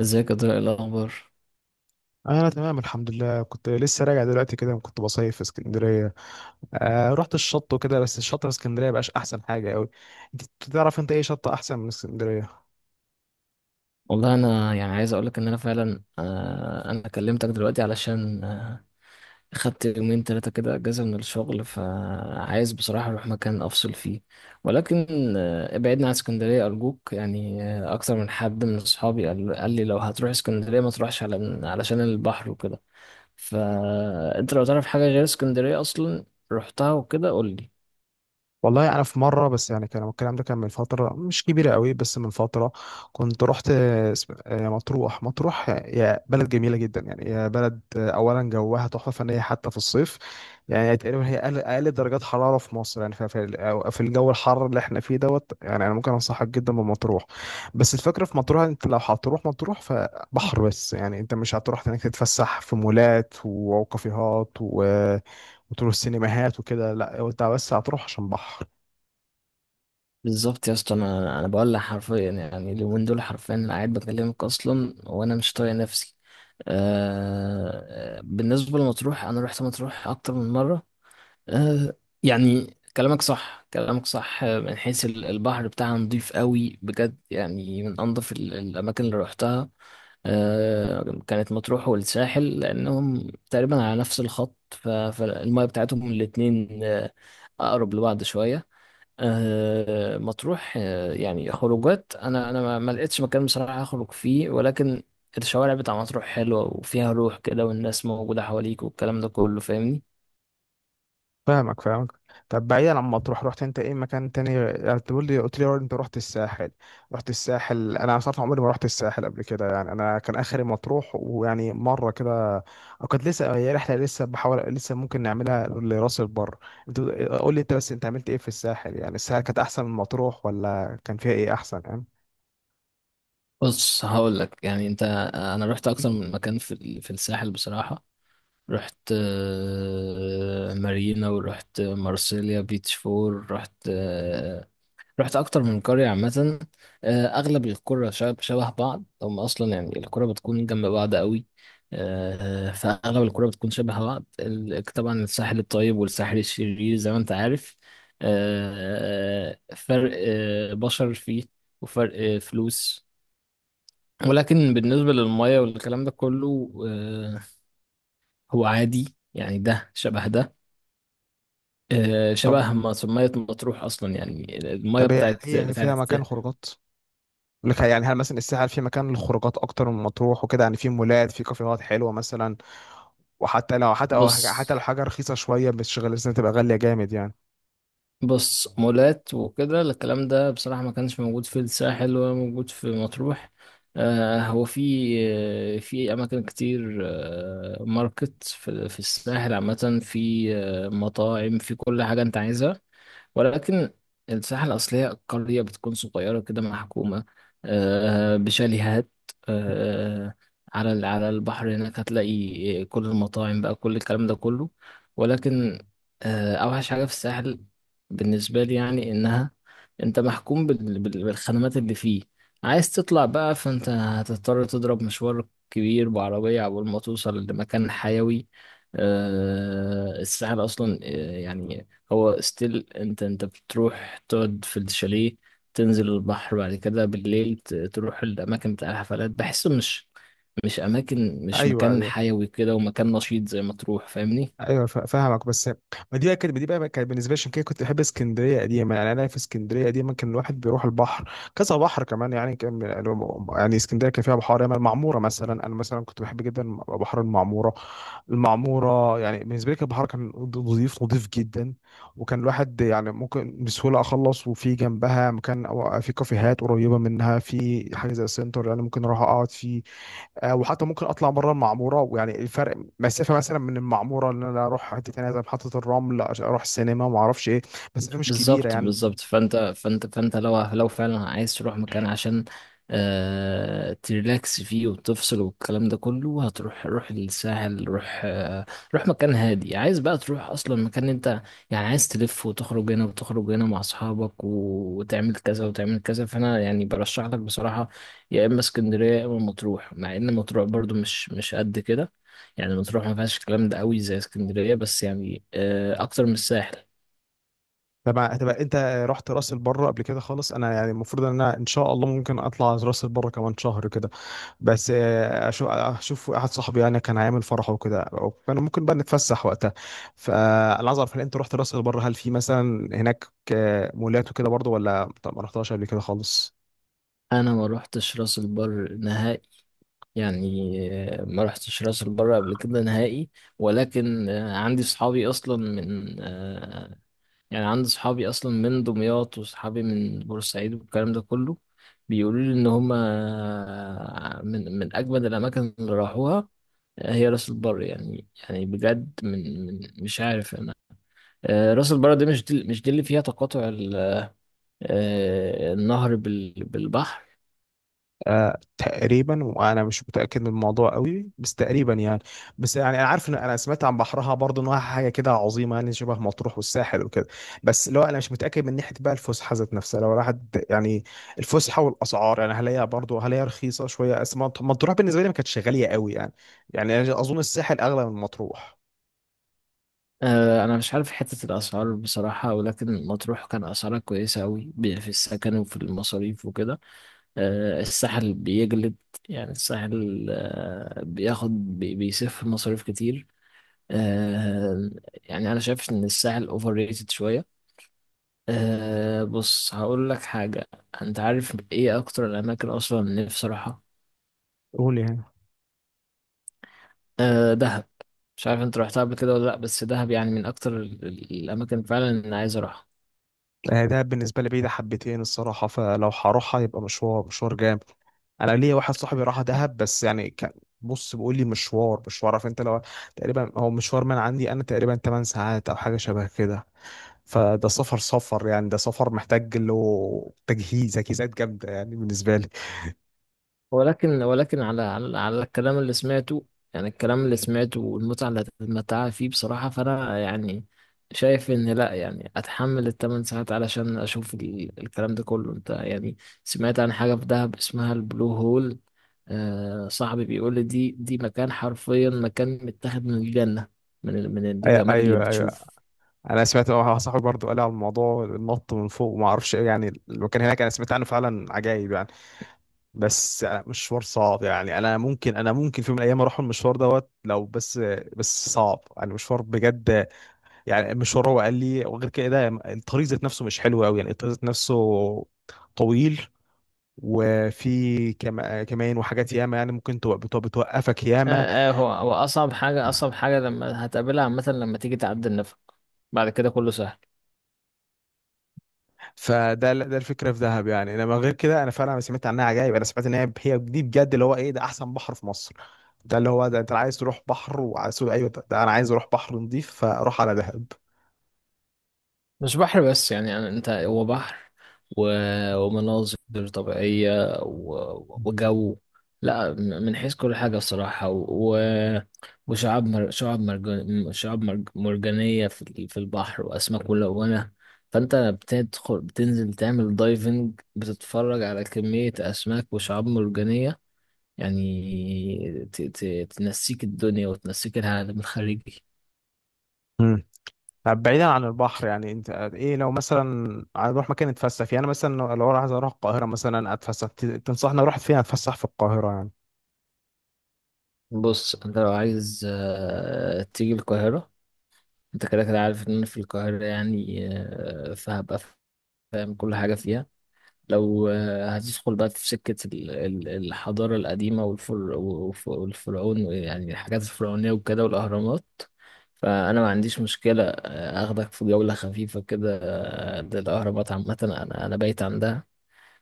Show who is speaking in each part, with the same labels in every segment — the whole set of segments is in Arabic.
Speaker 1: ازيك يا طارق؟ إيه الاخبار؟
Speaker 2: انا تمام الحمد لله. كنت لسه راجع دلوقتي كده، كنت بصيف في اسكندريه. آه، رحت الشط وكده، بس الشط في اسكندريه بقاش احسن حاجه قوي. انت تعرف انت ايه شط احسن من اسكندريه؟
Speaker 1: والله انا، يعني، عايز اقولك ان انا فعلا، انا كلمتك دلوقتي علشان خدت يومين ثلاثه كده اجازه من الشغل، فعايز بصراحه اروح مكان افصل فيه. ولكن ابعدنا عن اسكندريه ارجوك. يعني اكتر من حد من اصحابي قال لي لو هتروح اسكندريه ما تروحش علشان البحر وكده. فانت لو تعرف حاجه غير اسكندريه اصلا رحتها وكده قول لي.
Speaker 2: والله انا في مره، بس يعني كان الكلام ده كان من فتره مش كبيره قوي بس من فتره. كنت رحت مطروح. مطروح يا بلد جميله جدا، يعني يا بلد اولا جوها تحفه فنيه حتى في الصيف. يعني تقريبا هي أقل درجات حراره في مصر، يعني في الجو الحر اللي احنا فيه دوت. يعني انا ممكن انصحك جدا بمطروح. بس الفكره في مطروح، انت لو هتروح مطروح فبحر بس، يعني انت مش هتروح هناك تتفسح في مولات وكافيهات و- وتروح سينماهات وكده، لا هو انت بس هتروح عشان بحر.
Speaker 1: بالظبط يا اسطى، انا بقول لك حرفيا، يعني اليومين دول حرفيا انا قاعد بكلمك اصلا وانا مش طايق نفسي. بالنسبه لمطروح، انا رحت مطروح اكتر من مره. آه يعني كلامك صح كلامك صح، من حيث البحر بتاعها نضيف قوي بجد، يعني من انضف الاماكن اللي رحتها. كانت مطروح والساحل لانهم تقريبا على نفس الخط، فالميه بتاعتهم الاتنين اقرب لبعض شويه. مطروح، يعني خروجات، انا ما لقيتش مكان بصراحه اخرج فيه، ولكن الشوارع بتاع مطروح حلوه وفيها روح كده، والناس موجوده حواليك والكلام ده كله، فاهمني.
Speaker 2: فاهمك فاهمك. طب بعيدا عن مطروح، رحت انت ايه مكان تاني؟ يعني تقول لي قلت لي انت رحت الساحل. رحت الساحل، انا صراحه عمري ما رحت الساحل قبل كده، يعني انا كان اخري مطروح ويعني مره كده، وكانت لسه هي رحله، لسه بحاول، لسه ممكن نعملها لراس البر. انت قول لي، انت بس انت عملت ايه في الساحل؟ يعني الساحل كانت احسن من مطروح، ولا كان فيها ايه احسن يعني؟
Speaker 1: بص هقول لك، يعني انت انا رحت اكتر من مكان في في الساحل بصراحه. رحت مارينا، ورحت مارسيليا بيتش فور، رحت اكتر من قريه عامه. اغلب القرى شبه بعض، هم اصلا يعني القرى بتكون جنب بعض قوي. فاغلب القرى بتكون شبه بعض. طبعا الساحل الطيب والساحل الشرير زي ما انت عارف. فرق بشر فيه، وفرق فلوس، ولكن بالنسبه للميه والكلام ده كله، هو عادي يعني، ده شبه ده،
Speaker 2: طب
Speaker 1: شبه ما ميه مطروح اصلا، يعني الميه
Speaker 2: طب هي
Speaker 1: بتاعت
Speaker 2: هي فيها
Speaker 1: بتاعت
Speaker 2: مكان خروجات؟ بقول لك يعني، هل مثلا الساحل في مكان للخروجات اكتر من مطروح وكده؟ يعني في مولات، في كافيهات حلوه مثلا؟ وحتى لو حتى أو
Speaker 1: بص
Speaker 2: حتى لو حاجه رخيصه شويه، مش غالية، لازم تبقى غاليه جامد يعني.
Speaker 1: بص، مولات وكده الكلام ده بصراحة ما كانش موجود في الساحل ولا موجود في مطروح. هو في، في أماكن كتير، ماركت، في الساحل عامة، في مطاعم، في كل حاجة أنت عايزها. ولكن الساحة الأصلية القرية بتكون صغيرة كده، محكومة بشاليهات آه، على على البحر. هناك هتلاقي كل المطاعم بقى، كل الكلام ده كله. ولكن أوحش حاجة في الساحل بالنسبة لي، يعني إنها أنت محكوم بالخدمات اللي فيه. عايز تطلع بقى، فأنت هتضطر تضرب مشوار كبير بعربية عقبال ما توصل لمكان حيوي. الساحل أصلا، يعني هو ستيل، انت بتروح تقعد في الشاليه، تنزل البحر، بعد كده بالليل تروح الاماكن بتاع الحفلات. بحسه مش، مش اماكن، مش
Speaker 2: ايوه،
Speaker 1: مكان
Speaker 2: ايوه.
Speaker 1: حيوي كده ومكان نشيط زي ما تروح، فاهمني.
Speaker 2: ايوه فاهمك، بس ما دي بقى كانت دي بقى كانت بالنسبه لي. عشان كده كنت بحب اسكندريه قديما، يعني انا في اسكندريه قديما كان الواحد بيروح البحر كذا بحر كمان يعني كان. يعني اسكندريه كان فيها بحار، يعني المعموره مثلا، انا مثلا كنت بحب جدا بحر المعموره. المعمورة يعني بالنسبة لي كانت بحر كان نظيف نظيف جدا. وكان الواحد يعني ممكن بسهولة أخلص، وفي جنبها مكان، أو في كافيهات قريبة منها، في حاجة زي السنتر يعني ممكن أروح أقعد فيه. وحتى ممكن أطلع بره المعمورة، ويعني الفرق مسافة مثلا من المعمورة إن أنا أروح حتة تانية زي محطة الرمل عشان أروح السينما وما أعرفش إيه، مسافة مش كبيرة
Speaker 1: بالظبط
Speaker 2: يعني.
Speaker 1: بالظبط، فانت لو فعلا عايز تروح مكان عشان تريلاكس فيه وتفصل والكلام ده كله، هتروح روح الساحل. روح روح مكان هادي. عايز بقى تروح اصلا مكان انت، يعني عايز تلف وتخرج هنا وتخرج هنا مع اصحابك وتعمل كذا وتعمل كذا، فانا يعني برشح لك بصراحة يا اما اسكندرية يا اما مطروح. مع ان مطروح برضو مش قد كده، يعني مطروح ما فيهاش الكلام ده قوي زي اسكندرية، بس يعني اكتر من الساحل.
Speaker 2: طبعا. تبقى أنت رحت راس البر قبل كده خالص؟ أنا يعني المفروض إن أنا إن شاء الله ممكن أطلع راس البر كمان شهر كده. بس اشوف واحد صاحبي يعني كان هيعمل فرح وكده، وكان ممكن بقى نتفسح وقتها. فانا عايز اعرف، هل انت رحت راس البر؟ هل في مثلا هناك مولات وكده برضه، ولا طب ما رحتهاش قبل كده خالص؟
Speaker 1: انا ما روحتش راس البر نهائي، يعني ما روحتش راس البر قبل كده نهائي. ولكن عندي صحابي اصلا من يعني عندي صحابي اصلا من دمياط وصحابي من بورسعيد والكلام ده كله، بيقولوا لي ان هم من اجمد الاماكن اللي راحوها هي راس البر. يعني بجد، من مش عارف انا. راس البر دي مش دي اللي فيها تقاطع النهر بالبحر؟
Speaker 2: آه تقريبا، وانا مش متاكد من الموضوع قوي بس تقريبا يعني. بس يعني انا عارف ان انا سمعت عن بحرها برضه انها حاجه كده عظيمه يعني، شبه مطروح والساحل وكده. بس لو انا مش متاكد من ناحيه بقى الفسحه ذات نفسها لو راحت يعني. الفسحه والاسعار يعني، هل هي رخيصه شويه؟ مطروح بالنسبه لي ما كانتش غاليه قوي يعني. يعني أنا اظن الساحل اغلى من مطروح.
Speaker 1: انا مش عارف حتة الاسعار بصراحة، ولكن مطروح كان اسعارها كويسة قوي في السكن وفي المصاريف وكده. الساحل بيجلد، يعني الساحل بياخد بيصرف مصاريف كتير. آه، يعني انا شايف ان الساحل اوفر ريتد شوية. بص هقول لك حاجة، انت عارف ايه اكتر الاماكن اصلا نفسي اروحها؟
Speaker 2: قول يعني.
Speaker 1: دهب. مش عارف انت رحتها قبل كده ولا لا، بس دهب يعني من اكتر الاماكن فعلا اللي أنا عايز اروحها.
Speaker 2: ده بالنسبه لي بعيده حبتين الصراحه، فلو هروحها يبقى مشوار مشوار جامد. انا ليا واحد صاحبي راح دهب، بس يعني كان، بص بيقول لي مشوار مشوار. عارف انت، لو تقريبا هو مشوار من عندي انا تقريبا 8 ساعات او حاجه شبه كده. فده سفر سفر يعني، ده سفر محتاج له تجهيزات جامده يعني بالنسبه لي.
Speaker 1: ولكن على على الكلام اللي سمعته، يعني الكلام اللي سمعته والمتعة اللي هتتمتعها فيه بصراحة، فأنا يعني شايف إن لأ، يعني أتحمل الثمان ساعات علشان أشوف الكلام ده كله. أنت يعني سمعت عن حاجة في دهب اسمها البلو هول؟ آه، صاحبي بيقول لي دي مكان، حرفيا مكان متاخد من الجنة، من من الجمال اللي
Speaker 2: ايوه ايوه.
Speaker 1: بتشوفه.
Speaker 2: انا سمعت واحد صاحبي برضه قال لي على الموضوع، النط من فوق وما اعرفش ايه، يعني المكان هناك انا سمعت عنه فعلا عجايب يعني. بس يعني مشوار صعب يعني، انا ممكن في يوم من الايام اروح المشوار دوت لو بس. بس صعب يعني، مشوار بجد. يعني مش هو قال لي وغير كده الطريق ذات نفسه مش حلو قوي يعني، الطريق ذات نفسه طويل، وفي كمان وحاجات ياما، يعني ممكن بتوقفك ياما.
Speaker 1: آه هو هو أصعب حاجة، أصعب حاجة لما هتقابلها عامة لما تيجي تعدي النفق، بعد كده كله سهل.
Speaker 2: فده الفكره في دهب يعني، انما غير كده انا فعلا سمعت عنها عجائب. انا سمعت ان هي دي بجد اللي هو ايه، ده احسن بحر في مصر. ده اللي هو ده انت عايز تروح بحر، وعايز، ايوه، ده انا عايز اروح بحر نظيف فاروح على دهب.
Speaker 1: مش بحر بس، يعني هو بحر و... ومناظر طبيعية و... وجو. لا من حيث كل حاجة الصراحة، و... وشعاب شعاب شعاب مرجانية في في البحر وأسماك ملونة. فأنت بتدخل، بتنزل تعمل دايفنج، بتتفرج على كمية أسماك وشعاب مرجانية، يعني تنسيك الدنيا وتنسيك العالم الخارجي.
Speaker 2: طب بعيدا عن البحر يعني، انت ايه لو مثلا هنروح مكان نتفسح فيه؟ انا مثلا لو انا عايز اروح القاهره مثلا اتفسح، تنصحني اروح فين اتفسح في القاهره يعني؟
Speaker 1: بص انت لو عايز تيجي القاهرة، انت كده كده عارف ان انا في القاهرة يعني، فهبقى فاهم كل حاجة فيها. لو هتدخل بقى في سكة الحضارة القديمة، والفرعون، يعني الحاجات الفرعونية وكده والأهرامات، فأنا ما عنديش مشكلة أخدك في جولة خفيفة كده للأهرامات عامة. أنا أنا بايت عندها،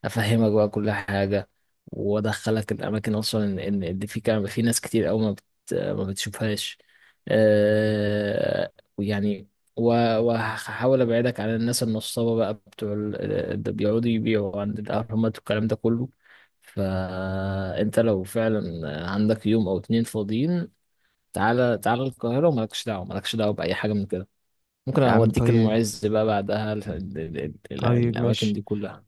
Speaker 1: افهمك بقى كل حاجه، وادخلك الاماكن اصلا، إن اللي في كان في ناس كتير قوي ما ما بتشوفهاش. أه... ويعني وهحاول ابعدك عن الناس النصابه بقى بتوع اللي بيقعدوا يبيعوا عند الاهرامات والكلام ده كله. فانت لو فعلا عندك يوم او اتنين فاضيين، تعالى تعالى القاهره ومالكش دعوه، مالكش دعوه باي حاجه من كده. ممكن
Speaker 2: يا عم
Speaker 1: اوديك
Speaker 2: طيب.
Speaker 1: المعز بقى بعدها
Speaker 2: طيب
Speaker 1: الاماكن
Speaker 2: ماشي.
Speaker 1: دي كلها.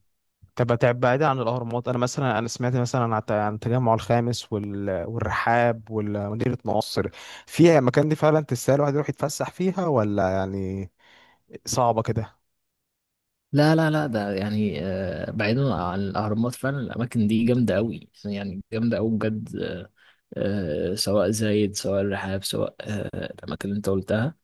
Speaker 2: طب تعب بعيدا عن الاهرامات، انا مثلا انا سمعت مثلا عن التجمع الخامس، والرحاب ومدينه نصر. فيها المكان دي فعلا تستاهل الواحد يروح يتفسح فيها، ولا يعني صعبه كده؟
Speaker 1: لا لا لا، ده يعني، بعيدا عن الأهرامات فعلا الأماكن دي جامدة أوي، يعني جامدة أوي بجد. سواء زايد، سواء الرحاب، سواء الأماكن اللي أنت قلتها،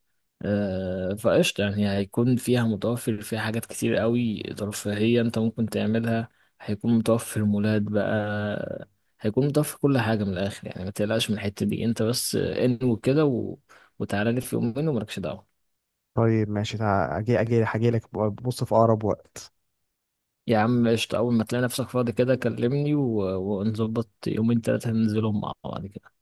Speaker 1: فقشطة. يعني هيكون فيها متوفر، فيها حاجات كتير أوي ترفيهية أنت ممكن تعملها، هيكون متوفر مولات بقى، هيكون متوفر كل حاجة من الآخر يعني. ما تقلقش من الحتة دي، أنت بس انوي كده و... وتعالى لي في يوم منه ومالكش دعوة.
Speaker 2: طيب ماشي. اجي اجي اجي لك، بص في اقرب وقت.
Speaker 1: يا عم قشطة، أول ما تلاقي نفسك فاضي كده كلمني و... ونظبط يومين تلاتة ننزلهم مع بعض كده.